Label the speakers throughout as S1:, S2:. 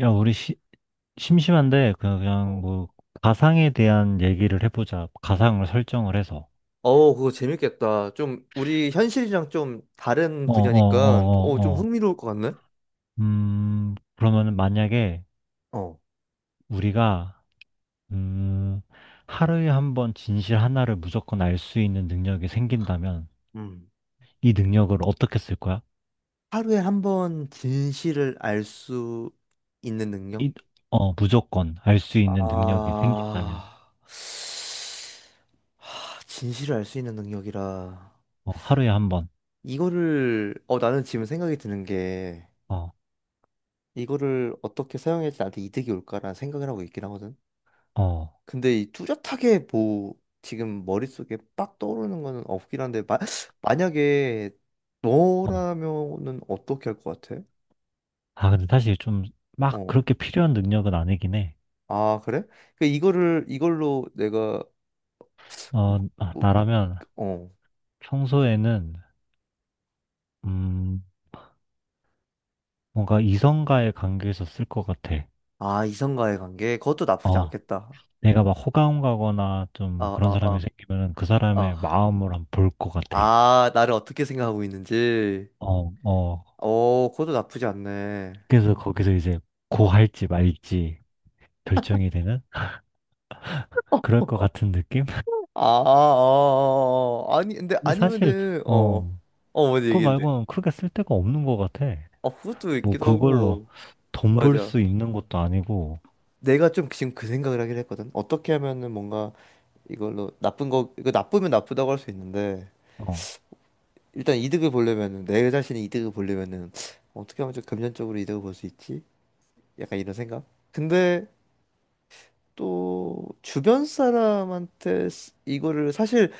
S1: 야, 우리 심심한데 그냥
S2: 어.
S1: 뭐 가상에 대한 얘기를 해보자. 가상을 설정을 해서.
S2: 어, 그거 재밌겠다. 좀 우리 현실이랑 좀 다른
S1: 어, 어,
S2: 분야니까
S1: 어,
S2: 좀
S1: 어, 어.
S2: 흥미로울 것 같네.
S1: 그러면 만약에
S2: 어,
S1: 우리가 음, 하루에 한 번 진실 하나를 무조건 알 수 있는 능력이 생긴다면
S2: 음.
S1: 이 능력을 어떻게 쓸 거야?
S2: 하루에 한번 진실을 알 수 있는 능력?
S1: 이, 무조건 알 수 있는 능력이
S2: 아,
S1: 생긴다면
S2: 하, 진실을 알 수 있는 능력이라.
S1: 하루에 한 번.
S2: 이거를, 나는 지금 생각이 드는 게,
S1: 어,
S2: 이거를 어떻게 사용해야지 나한테 이득이 올까라는 생각을 하고 있긴 하거든.
S1: 어,
S2: 근데 이 뚜렷하게 뭐 지금 머릿속에 빡 떠오르는 거는 없긴 한데 마, 만약에
S1: 어.
S2: 너라면은 어떻게 할 것 같아?
S1: 아, 근데 사실 좀 막
S2: 어.
S1: 그렇게 필요한 능력은 아니긴 해.
S2: 아, 그래? 그 이거를 이걸로 내가 뭐,
S1: 어, 아,
S2: 뭐,
S1: 나라면
S2: 어.
S1: 평소에는, 음, 뭔가 이성과의 관계에서 쓸 것 같아.
S2: 아, 이성과의 관계 그것도 나쁘지
S1: 어,
S2: 않겠다.
S1: 내가 막 호감 가거나
S2: 아,
S1: 좀 그런
S2: 아, 아,
S1: 사람이 생기면은 그 사람의
S2: 아.
S1: 마음을 한번 볼 것 같아.
S2: 아, 나를 어떻게 생각하고 있는지.
S1: 어, 어,
S2: 어, 그것도 나쁘지 않네.
S1: 그래서 거기서 이제
S2: 어.
S1: 고할지 말지 결정이 되는 그럴 것 같은 느낌?
S2: 아, 아, 아, 아, 아. 아니 근데
S1: 근데 사실,
S2: 아니면은
S1: 어,
S2: 어. 어, 먼저
S1: 그거
S2: 얘기해.
S1: 말고는 크게 쓸 데가 없는 것 같아.
S2: 아, 그것도
S1: 뭐
S2: 있기도
S1: 그걸로
S2: 하고,
S1: 돈 벌
S2: 맞아.
S1: 수 있는 것도 아니고,
S2: 내가 좀 지금 그 생각을 하긴 했거든. 어떻게 하면은 뭔가 이걸로 나쁜 거, 이거 나쁘면 나쁘다고 할 수 있는데,
S1: 어,
S2: 일단 이득을 보려면은, 내 자신의 이득을 보려면은, 어떻게 하면 좀 금전적으로 이득을 볼 수 있지? 약간 이런 생각? 근데 또, 주변 사람한테 이거를 사실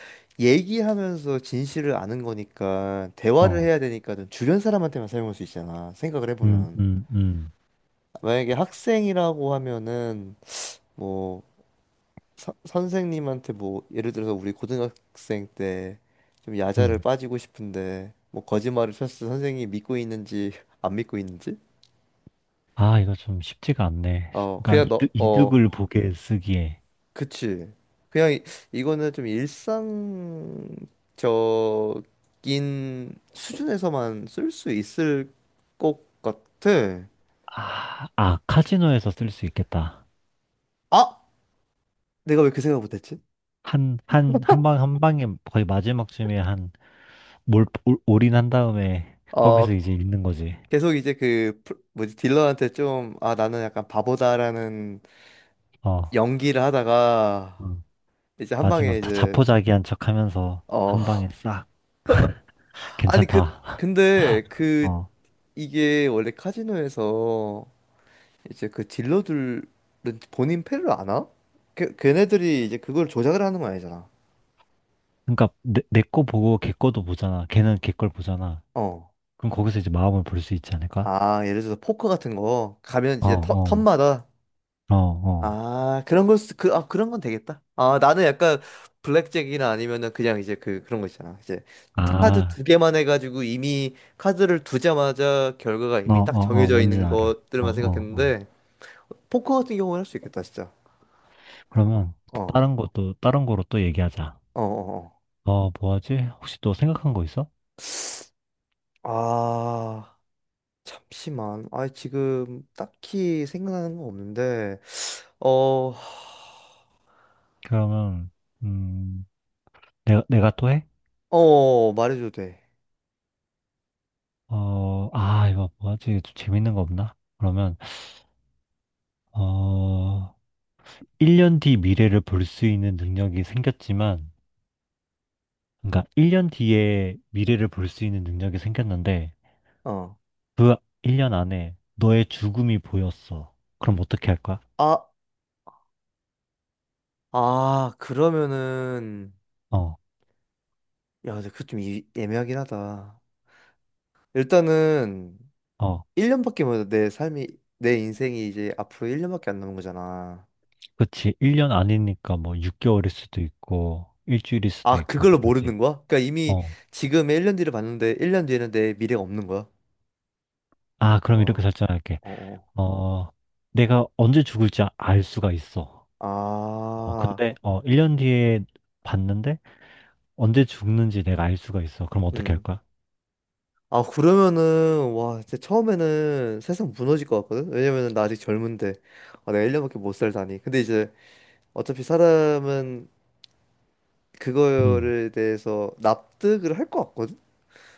S2: 얘기하면서 진실을 아는 거니까, 대화를
S1: 어,
S2: 해야 되니까는 주변 사람한테만 사용할 수 있잖아. 생각을
S1: 음,
S2: 해보면.
S1: 음, 음,
S2: 만약에 학생이라고 하면은, 뭐, 선생님한테 뭐 예를 들어서 우리 고등학생 때 좀 야자를
S1: 음.
S2: 빠지고 싶은데 뭐 거짓말을 쳤을 때 선생님이 믿고 있는지 안 믿고 있는지.
S1: 아, 이거 좀 쉽지가 않네.
S2: 어, 그냥
S1: 그러니까
S2: 너,
S1: 이득,
S2: 어.
S1: 을 보게 쓰기에.
S2: 그치. 그냥 이거는 좀 일상적인 수준에서만 쓸 수 있을 것 같아.
S1: 아, 아, 카지노에서 쓸 수 있겠다.
S2: 아, 내가 왜 그 생각 못했지.
S1: 한 방에 거의 마지막쯤에 올인한 다음에
S2: 어,
S1: 거기서 이제 읽는 거지.
S2: 계속 이제 그 뭐지, 딜러한테 좀, 아, 나는 약간 바보다라는
S1: 어,
S2: 연기를 하다가
S1: 음.
S2: 이제 한 방에
S1: 마지막 자,
S2: 이제.
S1: 자포자기한 척 하면서 한
S2: 어,
S1: 방에 싹.
S2: 아니 그
S1: 괜찮다.
S2: 근데 그,
S1: 어.
S2: 이게 원래 카지노에서 이제 그 딜러들은 본인 패를 아나? 걔네들이 이제 그걸 조작을 하는 건 아니잖아.
S1: 그러니까 내 거 보고 걔 거도 보잖아. 걔는 걔 걸 보잖아.
S2: 어.
S1: 그럼 거기서 이제 마음을 볼 수 있지 않을까?
S2: 아, 예를 들어서 포커 같은 거 가면
S1: 어,
S2: 이제 턴,
S1: 어,
S2: 턴마다
S1: 어, 어.
S2: 아, 그런 걸 그, 아, 그런 건 되겠다. 아, 나는 약간 블랙잭이나 아니면은 그냥 이제 그 그런 거 있잖아. 이제 카드
S1: 아.
S2: 두 개만 해가지고 이미 카드를 두자마자 결과가
S1: 어,
S2: 이미 딱
S1: 어, 어,
S2: 정해져
S1: 뭔진
S2: 있는
S1: 알아. 어,
S2: 것들만
S1: 어, 어.
S2: 생각했는데 포커 같은 경우는 할 수 있겠다, 진짜. 어,
S1: 그러면
S2: 어,
S1: 다른 것도, 다른 거로 또 얘기하자.
S2: 어, 어. 어.
S1: 어, 뭐 하지? 혹시 또 생각한 거 있어?
S2: 아, 잠시만. 아, 지금 딱히 생각나는 건 없는데, 어, 하.
S1: 그러면, 음, 내가 또 해?
S2: 어, 말해줘도 돼.
S1: 어, 아, 이거 뭐 하지? 좀 재밌는 거 없나? 그러면, 어, 1년 뒤 미래를 볼 수 있는 능력이 생겼지만, 그러니까 1년 뒤에 미래를 볼 수 있는 능력이 생겼는데,
S2: 어.
S1: 그 1년 안에 너의 죽음이 보였어. 그럼 어떻게 할 거야?
S2: 아, 아, 그러면은,
S1: 어,
S2: 야, 근데 그거 좀 애매하긴 하다. 일단은,
S1: 어.
S2: 1년밖에 못, 내 삶이, 내 인생이 이제 앞으로 1년밖에 안 남은 거잖아.
S1: 그치. 1년 아니니까 뭐 6개월일 수도 있고, 일주일일
S2: 아,
S1: 수도 있고,
S2: 그걸로
S1: 모르지.
S2: 모르는 거야? 그러니까 이미
S1: 어.
S2: 지금의 1년 뒤를 봤는데, 1년 뒤에는 내 미래가 없는 거야?
S1: 아, 그럼
S2: 어,
S1: 이렇게 설정할게.
S2: 어, 어.
S1: 어, 내가 언제 죽을지 알 수가 있어. 어,
S2: 아,
S1: 근데, 1년 뒤에 봤는데, 언제 죽는지 내가 알 수가 있어. 그럼 어떻게 할
S2: 음.
S1: 거야?
S2: 아, 그러면은, 와, 진짜 처음에는 세상 무너질 것 같거든? 왜냐면은 나 아직 젊은데. 아, 내가 1년밖에 못 살다니. 근데 이제 어차피 사람은
S1: 음,
S2: 그거를 대해서 납득을 할 것 같거든?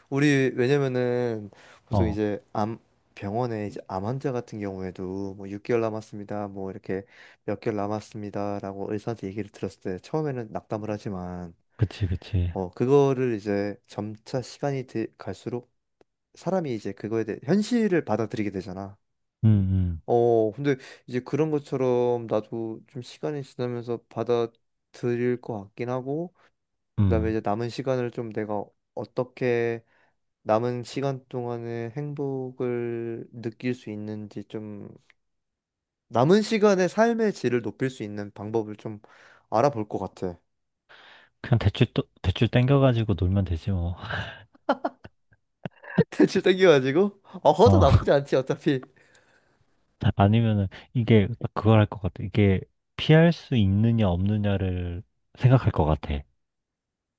S2: 우리, 왜냐면은 보통
S1: 어,
S2: 이제 암, 병원에 이제 암 환자 같은 경우에도 뭐 6개월 남았습니다. 뭐 이렇게 몇 개월 남았습니다 라고 의사한테 얘기를 들었을 때 처음에는 낙담을 하지만
S1: 그치, 그치.
S2: 어, 그거를 이제 점차 시간이 갈수록 사람이 이제 그거에 대해 현실을 받아들이게 되잖아.
S1: 음,
S2: 어, 근데 이제 그런 것처럼 나도 좀 시간이 지나면서 받아들일 것 같긴 하고,
S1: 음,
S2: 그다음에
S1: 음.
S2: 이제 남은 시간을 좀 내가 어떻게 남은 시간 동안의 행복을 느낄 수 있는지, 좀 남은 시간의 삶의 질을 높일 수 있는 방법을 좀 알아볼 것 같아.
S1: 그냥 대출 땡겨가지고 놀면 되지, 뭐.
S2: 대출 땡겨가지고 허도
S1: 어,
S2: 나쁘지 않지 어차피.
S1: 아니면은, 이게, 그걸 할 것 같아. 이게, 피할 수 있느냐, 없느냐를 생각할 것 같아.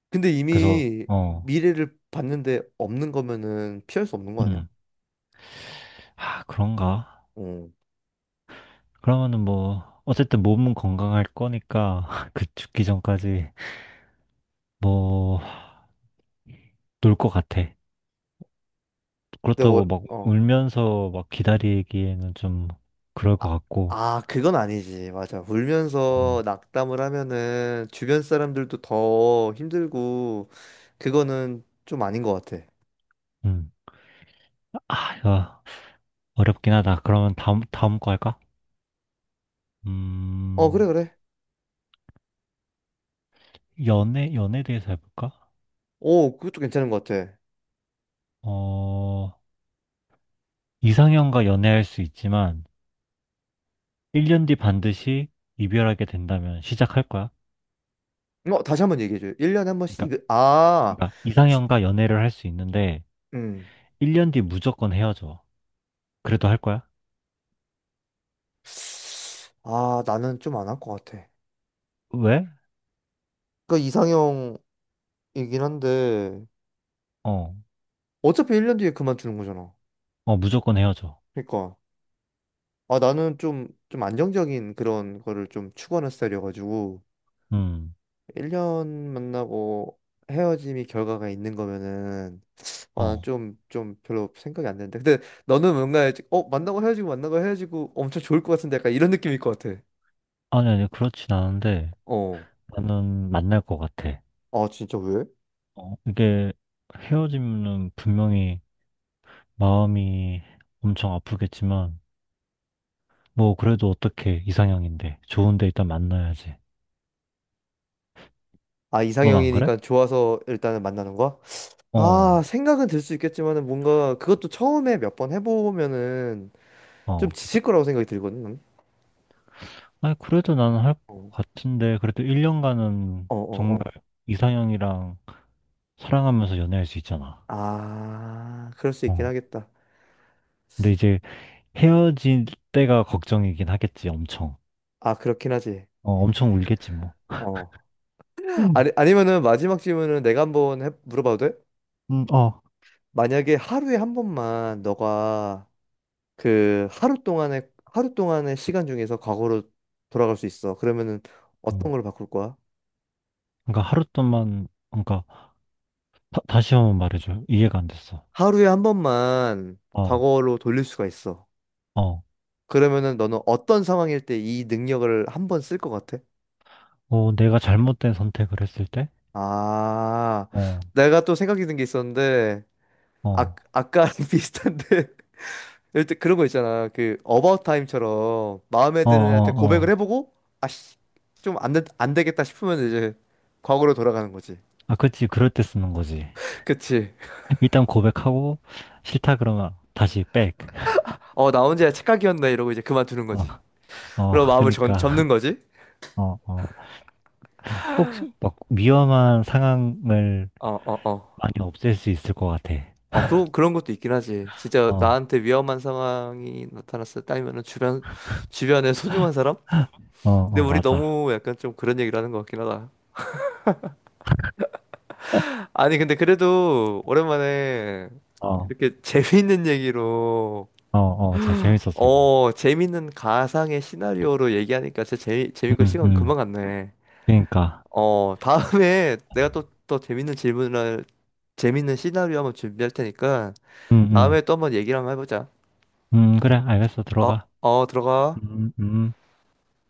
S2: 근데
S1: 그래서,
S2: 이미 미래를 봤는데 없는 거면은 피할 수 없는 거 아니야?
S1: 음, 아, 그런가?
S2: 음.
S1: 그러면은 뭐, 어쨌든 몸은 건강할 거니까, 그 죽기 전까지, 뭐, 놀 것 같아.
S2: 근데
S1: 그렇다고
S2: 월,
S1: 막
S2: 어.
S1: 울면서 막 기다리기에는 좀 그럴 것
S2: 아,
S1: 같고,
S2: 아, 그건 아니지. 맞아.
S1: 어,
S2: 울면서 낙담을 하면은 주변 사람들도 더 힘들고 그거는 좀 아닌 것 같아.
S1: 음, 아, 이거 어렵긴 하다. 그러면 다음 거 할까?
S2: 어,
S1: 음,
S2: 그래, 그래.
S1: 연애에 대해서 해볼까?
S2: 오, 그것도 괜찮은 것 같아.
S1: 어, 이상형과 연애할 수 있지만, 1년 뒤 반드시 이별하게 된다면 시작할 거야?
S2: 어, 다시 한번 얘기해줘. 1년에 한 번씩
S1: 그러니까
S2: 200 아,
S1: 그러니까
S2: 지-
S1: 이상형과 연애를 할 수 있는데
S2: 음.
S1: 1년 뒤 무조건 헤어져. 그래도 할 거야?
S2: 아, 나는 좀 안 할 것 같아.
S1: 왜?
S2: 그러니까 이상형이긴 한데
S1: 어,
S2: 어차피 1년 뒤에 그만두는 거잖아.
S1: 어, 무조건 헤어져.
S2: 그러니까 아, 나는 좀 안정적인 그런 거를 좀 추구하는 스타일이어가지고
S1: 음,
S2: 1년 만나고 헤어짐이 결과가 있는 거면은 아,
S1: 어.
S2: 난좀 좀좀 별로 생각이 안 되는데. 근데 너는 뭔가 이제 만나고 헤어지고 만나고 헤어지고 엄청 좋을 것 같은데 약간 이런 느낌일 것 같아.
S1: 아니, 아니, 그렇진 않은데
S2: 어.
S1: 나는 만날 것 같아.
S2: 아, 진짜 왜?
S1: 어, 이게 헤어지면은 분명히 마음이 엄청 아프겠지만 뭐 그래도 어떻게 이상형인데 좋은데 일단 만나야지.
S2: 아,
S1: 넌 안 그래?
S2: 이상형이니까 좋아서 일단은 만나는 거야?
S1: 어,
S2: 아, 생각은 들 수 있겠지만은 뭔가 그것도 처음에 몇 번 해보면은 좀
S1: 어.
S2: 지칠 거라고 생각이 들거든. 나는.
S1: 아니, 그래도 나는 할 것
S2: 어,
S1: 같은데 그래도 1년간은
S2: 어, 어.
S1: 정말
S2: 어.
S1: 이상형이랑 사랑하면서 연애할 수 있잖아.
S2: 아, 그럴 수 있긴
S1: 어.
S2: 하겠다.
S1: 근데 이제 헤어질 때가 걱정이긴 하겠지, 엄청.
S2: 아, 그렇긴 하지.
S1: 어, 엄청 울겠지, 뭐.
S2: 어.
S1: 음,
S2: 아니, 아니면은 마지막 질문은 내가 한번 물어봐도 돼?
S1: 어.
S2: 만약에 하루에 한 번만 너가 그 하루 동안의 시간 중에서 과거로 돌아갈 수 있어. 그러면은 어떤
S1: 음.
S2: 걸 바꿀 거야?
S1: 그러니까 하루 동안, 그러니까 다, 시 한 번 말해줘. 이해가 안 됐어.
S2: 하루에 한 번만
S1: 어,
S2: 과거로 돌릴 수가 있어.
S1: 어.
S2: 그러면은 너는 어떤 상황일 때 이 능력을 한 번 쓸 것 같아?
S1: 어, 내가 잘못된 선택을 했을 때?
S2: 아,
S1: 어,
S2: 내가 또 생각이 든 게 있었는데, 아,
S1: 어,
S2: 아까 비슷한데 일단 그런 거 있잖아. 그 어바웃 타임처럼 마음에
S1: 어,
S2: 드는 애한테
S1: 어,
S2: 고백을
S1: 어.
S2: 해보고 아씨 좀 안 되겠다 싶으면 이제 과거로 돌아가는 거지.
S1: 아, 그치. 그럴 때 쓰는 거지.
S2: 그치.
S1: 일단 고백하고, 싫다 그러면 다시 백.
S2: 어, 나 혼자 착각이었네 이러고 이제 그만두는
S1: 어,
S2: 거지.
S1: 어,
S2: 그럼 마음을 접는
S1: 그니까.
S2: 거지.
S1: 어, 어. 혹시 막 위험한 상황을
S2: 어, 어, 어.
S1: 많이 없앨 수 있을 것 같아.
S2: 어, 그런 것도 있긴 하지. 진짜
S1: 어,
S2: 나한테 위험한 상황이 나타났을 때면은 주변에 소중한 사람?
S1: 어,
S2: 근데
S1: 어,
S2: 우리
S1: 맞아.
S2: 너무 약간 좀 그런 얘기를 하는 것 같긴 하다. 아니 근데 그래도 오랜만에
S1: 어,
S2: 이렇게 재미있는 얘기로
S1: 어, 어, 재밌었어, 이거.
S2: 어, 재밌는 가상의 시나리오로 얘기하니까 진짜 재밌고
S1: 음,
S2: 시간
S1: 음,
S2: 금방 갔네.
S1: 그니까.
S2: 어, 다음에 내가 또 재밌는 질문을, 재밌는 시나리오 한번 준비할 테니까
S1: 음,
S2: 다음에 또 한번 얘기를 한번 해보자.
S1: 그래, 알겠어,
S2: 어,
S1: 들어가.
S2: 어, 들어가.
S1: 음, 음.